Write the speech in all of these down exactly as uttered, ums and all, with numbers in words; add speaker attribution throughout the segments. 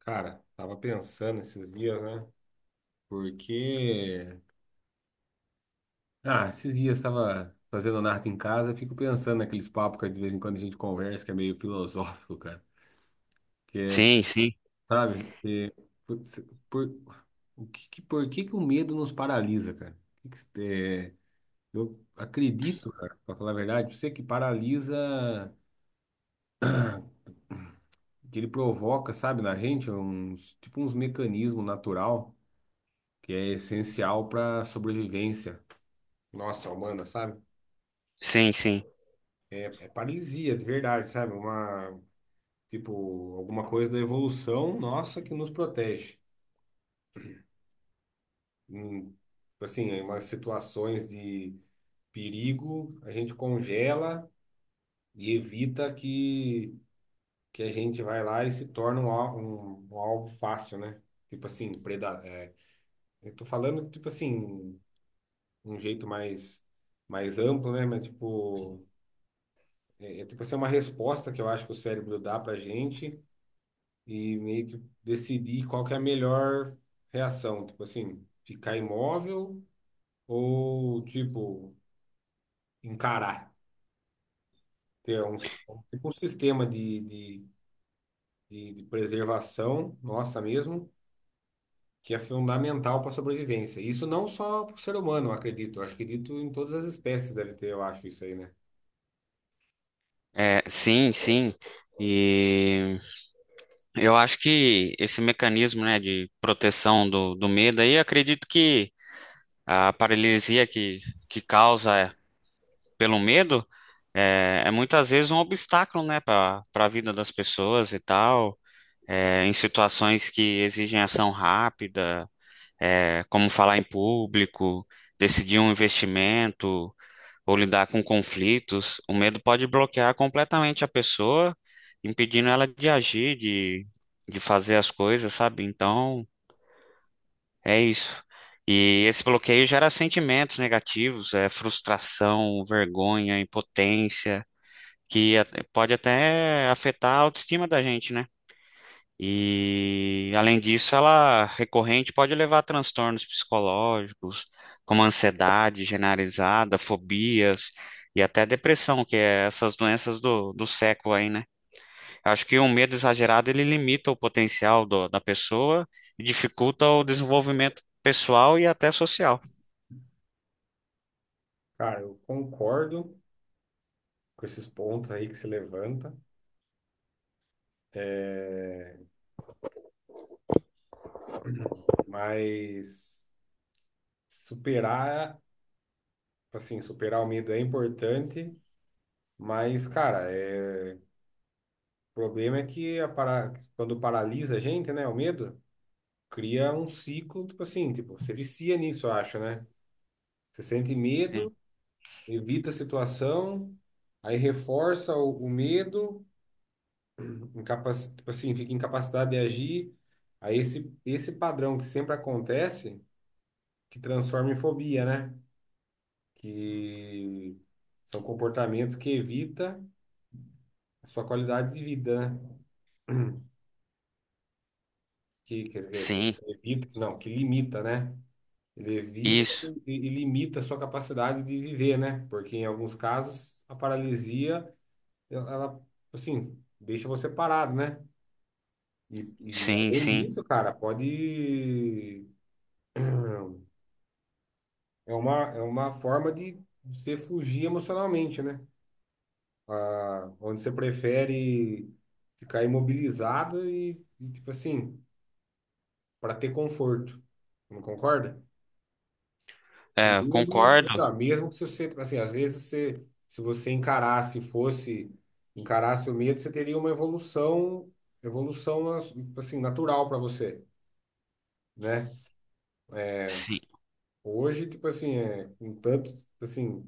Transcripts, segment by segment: Speaker 1: Cara, tava pensando esses dias, né? Porque, ah, esses dias tava fazendo nada em casa, fico pensando naqueles papos que de vez em quando a gente conversa, que é meio filosófico, cara. Que é,
Speaker 2: Sim, sim,
Speaker 1: sabe, putz, por, o que, que- por que que o medo nos paralisa, cara? O que que- é, eu acredito, cara, pra falar a verdade, você que paralisa, que ele provoca, sabe, na gente, uns, tipo uns mecanismos natural que é essencial pra sobrevivência nossa humana, sabe?
Speaker 2: sim, sim.
Speaker 1: É paralisia, de verdade, sabe? Uma, tipo, alguma coisa da evolução nossa que nos protege. Hum, assim, em umas situações de perigo, a gente congela e evita que, que a gente vai lá e se torne um, al- um, um alvo fácil, né? Tipo assim, preda é, eu tô falando, tipo assim, um jeito mais, mais amplo, né? Mas, tipo, é, é tipo assim, uma resposta que eu acho que o cérebro dá pra gente e meio que decidir qual que é a melhor reação. Tipo assim, ficar imóvel ou, tipo, encarar. Ter um, tipo um sistema de, de, de, de preservação nossa mesmo, que é fundamental para a sobrevivência. Isso não só para o ser humano, eu acredito. Eu acho que dito em todas as espécies deve ter, eu acho, isso aí, né?
Speaker 2: É, sim, sim. E eu acho que esse mecanismo, né, de proteção do, do medo aí, eu acredito que a paralisia que, que causa pelo medo é, é muitas vezes um obstáculo, né, para para a vida das pessoas e tal, é, em situações que exigem ação rápida, é, como falar em público, decidir um investimento, ou lidar com conflitos. O medo pode bloquear completamente a pessoa, impedindo ela de agir, de, de fazer as coisas, sabe? Então, é isso. E esse bloqueio gera sentimentos negativos, é frustração, vergonha, impotência, que a- pode até afetar a autoestima da gente, né? E, além disso, ela recorrente pode levar a transtornos psicológicos, como ansiedade generalizada, fobias e até depressão, que é essas doenças do, do século aí, né? Eu acho que o medo exagerado ele limita o potencial do- da pessoa e dificulta o desenvolvimento pessoal e até social.
Speaker 1: Cara, eu concordo com esses pontos aí que se levanta. É, mas superar Tipo assim, superar o medo é importante, mas, cara, é... o problema é que a para... quando paralisa a gente, né, o medo, cria um ciclo, tipo assim, tipo, você vicia nisso, eu acho, né? Você sente
Speaker 2: Sim,
Speaker 1: medo, evita a situação, aí reforça o, o medo, incapac... tipo assim, fica incapacitado de agir. Aí esse, esse padrão que sempre acontece, que transforma em fobia, né? Que são comportamentos que evita a sua qualidade de vida, né? que, que- quer dizer,
Speaker 2: sim,
Speaker 1: que evita, que não, que limita, né? Ele evita
Speaker 2: isso.
Speaker 1: e, e limita a sua capacidade de viver, né? Porque em alguns casos a paralisia, ela, ela, assim, deixa você parado, né? E, e
Speaker 2: Sim,
Speaker 1: além
Speaker 2: sim.
Speaker 1: disso, cara, pode. É uma, é uma forma de você fugir emocionalmente, né? Ah, onde você prefere ficar imobilizado e, e, tipo assim, para ter conforto. Não concorda?
Speaker 2: É, eu
Speaker 1: Mesmo, tá,
Speaker 2: concordo.
Speaker 1: mesmo que se você, tipo assim, às vezes você, se você encarasse, fosse, encarasse o medo, você teria uma evolução, evolução assim, natural para você, né?
Speaker 2: Sim.
Speaker 1: Hoje, tipo assim, é, com tanto, tipo assim,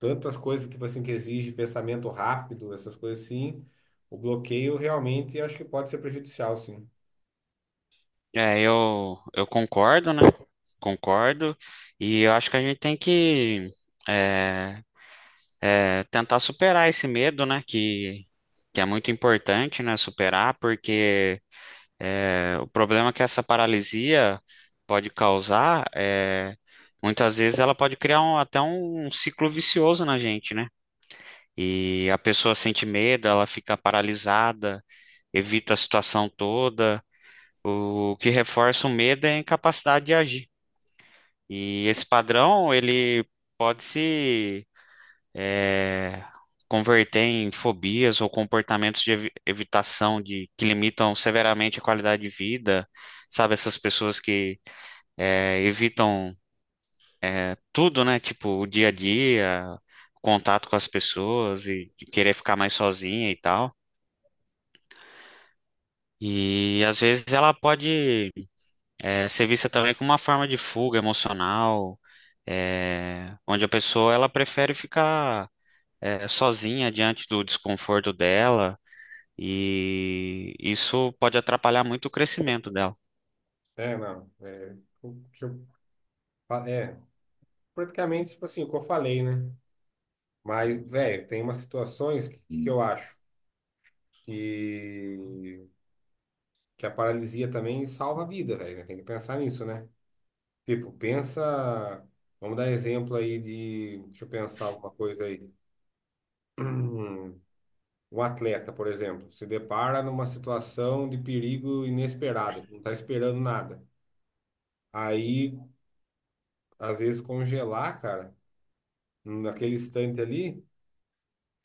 Speaker 1: tantas coisas, tipo assim, que exige pensamento rápido, essas coisas assim, o bloqueio realmente acho que pode ser prejudicial, sim.
Speaker 2: É, eu, eu concordo, né? Concordo. E eu acho que a gente tem que é, é, tentar superar esse medo, né? Que, que é muito importante, né? Superar, porque é, o problema que essa paralisia pode causar é muitas vezes ela pode criar um- até um ciclo vicioso na gente, né? E a pessoa sente medo, ela fica paralisada, evita a situação toda. O que reforça o medo é a incapacidade de agir. E esse padrão, ele pode se eh, converter em fobias ou comportamentos de evi- evitação de, que limitam severamente a qualidade de vida, sabe? Essas pessoas que eh, evitam eh, tudo, né? Tipo, o dia a dia, contato com as pessoas e de querer ficar mais sozinha e tal. E às vezes ela pode eh, ser vista também como uma forma de fuga emocional, eh, onde a pessoa ela prefere ficar é, sozinha diante do desconforto dela, e isso pode atrapalhar muito o crescimento dela.
Speaker 1: É, não, é, o que eu, fa- é, praticamente, tipo assim, o que eu falei, né? Mas, velho, tem umas situações que, que eu acho que, que a paralisia também salva a vida, velho, né? Tem que pensar nisso, né? Tipo, pensa. Vamos dar exemplo aí de. Deixa eu pensar alguma coisa aí. Hum, Um atleta, por exemplo, se depara numa situação de perigo inesperado, não tá esperando nada. Aí, às vezes, congelar, cara, naquele instante ali,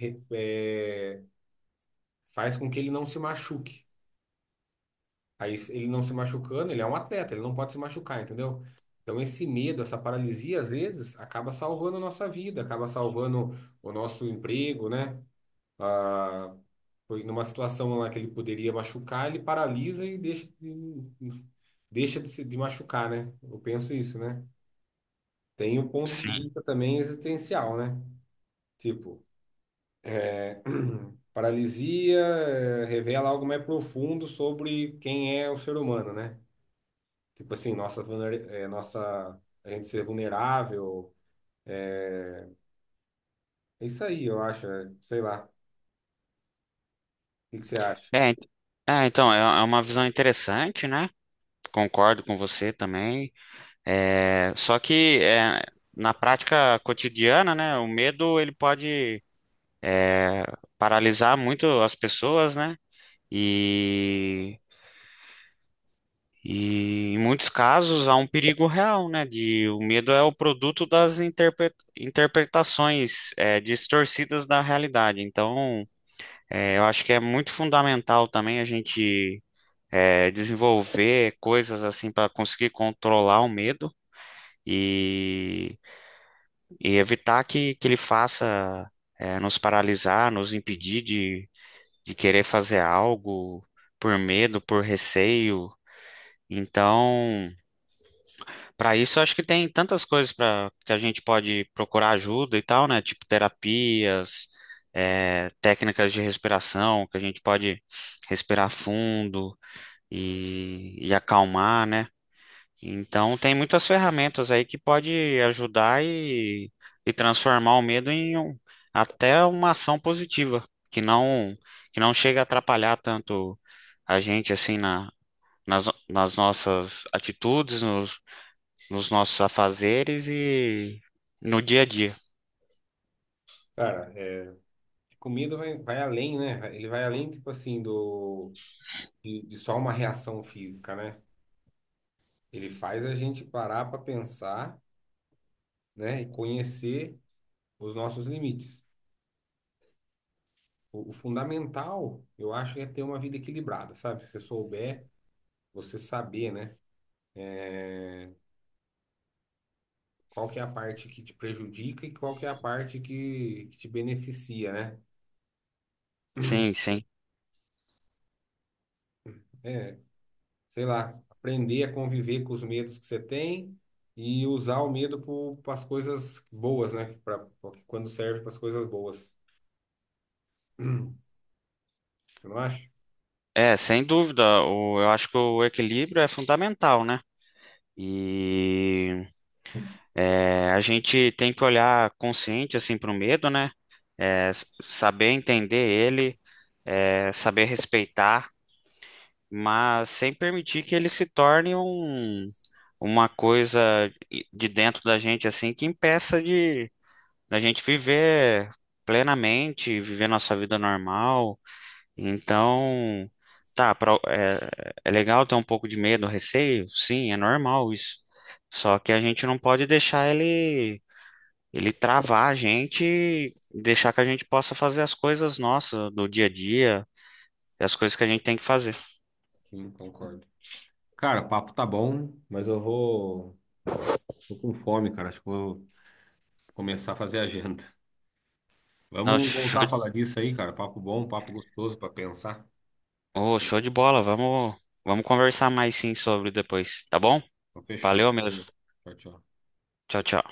Speaker 1: re- é, faz com que ele não se machuque. Aí se ele não se machucando, ele é um atleta, ele não pode se machucar, entendeu? Então esse medo, essa paralisia, às vezes, acaba salvando a nossa vida, acaba salvando o nosso emprego, né? Ah, foi numa situação lá que ele poderia machucar, ele paralisa e deixa, de- deixa de se de machucar, né? Eu penso isso, né? Tem o ponto de
Speaker 2: Sim.
Speaker 1: vista também existencial, né? Tipo, é, paralisia eh, revela algo mais profundo sobre quem é o ser humano, né? Tipo assim, nossa, vulner- é, nossa, a gente ser vulnerável. É isso aí, eu acho. é, Sei lá. O que que você acha?
Speaker 2: É, ent- é, então, é é uma visão interessante, né? Concordo com você também. É, só que é, na prática cotidiana, né? O medo ele pode é, paralisar muito as pessoas, né? E E em muitos casos há um perigo real, né? De o medo é o produto das interpre- interpretações eh, distorcidas da realidade. Então, eh, eu acho que é muito fundamental também a gente eh, desenvolver coisas assim para conseguir controlar o medo e, e evitar que, que ele faça eh, nos paralisar, nos impedir de, de querer fazer algo por medo, por receio. Então, para isso, eu acho que tem tantas coisas para que a gente pode procurar ajuda e tal, né? Tipo terapias, eh, técnicas de respiração, que a gente pode respirar fundo e, e acalmar, né? Então, tem muitas ferramentas aí que pode ajudar e, e transformar o medo em um- até uma ação positiva, que não que não chega a atrapalhar tanto a gente assim na, nas, nas nossas atitudes, nos nossos afazeres e no dia a dia.
Speaker 1: Cara, é, comida vai, vai além, né? Ele vai além, tipo assim, do, de, de só uma reação física, né? Ele faz a gente parar para pensar, né? E conhecer os nossos limites. O, o fundamental, eu acho, é ter uma vida equilibrada, sabe? Se você souber, você saber, né? Qual que é a parte que te prejudica e qual que é a parte que, que te beneficia, né?
Speaker 2: Sim, sim.
Speaker 1: É, sei lá, aprender a conviver com os medos que você tem e usar o medo para as coisas boas, né? Pra, porque quando serve para as coisas boas. Você não acha?
Speaker 2: É, sem dúvida, o, eu acho que o equilíbrio é fundamental, né? E é, a gente tem que olhar consciente assim para o medo, né? É, s- saber entender ele, é, saber respeitar, mas sem permitir que ele se torne um, uma coisa de dentro da gente assim que impeça de da gente viver plenamente, viver nossa vida normal. Então, tá, pra- é, é legal ter um pouco de medo, receio, sim, é normal isso. Só que a gente não pode deixar ele, ele travar a gente, e deixar que a gente possa fazer as coisas nossas do dia a dia, as coisas que a gente tem que fazer.
Speaker 1: Sim, concordo. Cara, o papo tá bom, mas eu vou. Tô com fome, cara. Acho que vou começar a fazer agenda.
Speaker 2: Não,
Speaker 1: Vamos
Speaker 2: show,
Speaker 1: voltar a falar
Speaker 2: de-
Speaker 1: disso aí, cara. Papo bom, papo gostoso para pensar.
Speaker 2: ô, show de bola, vamos, vamos conversar mais sim sobre depois, tá bom?
Speaker 1: Então, fechou.
Speaker 2: Valeu mesmo.
Speaker 1: Tchau, tchau.
Speaker 2: Tchau, tchau.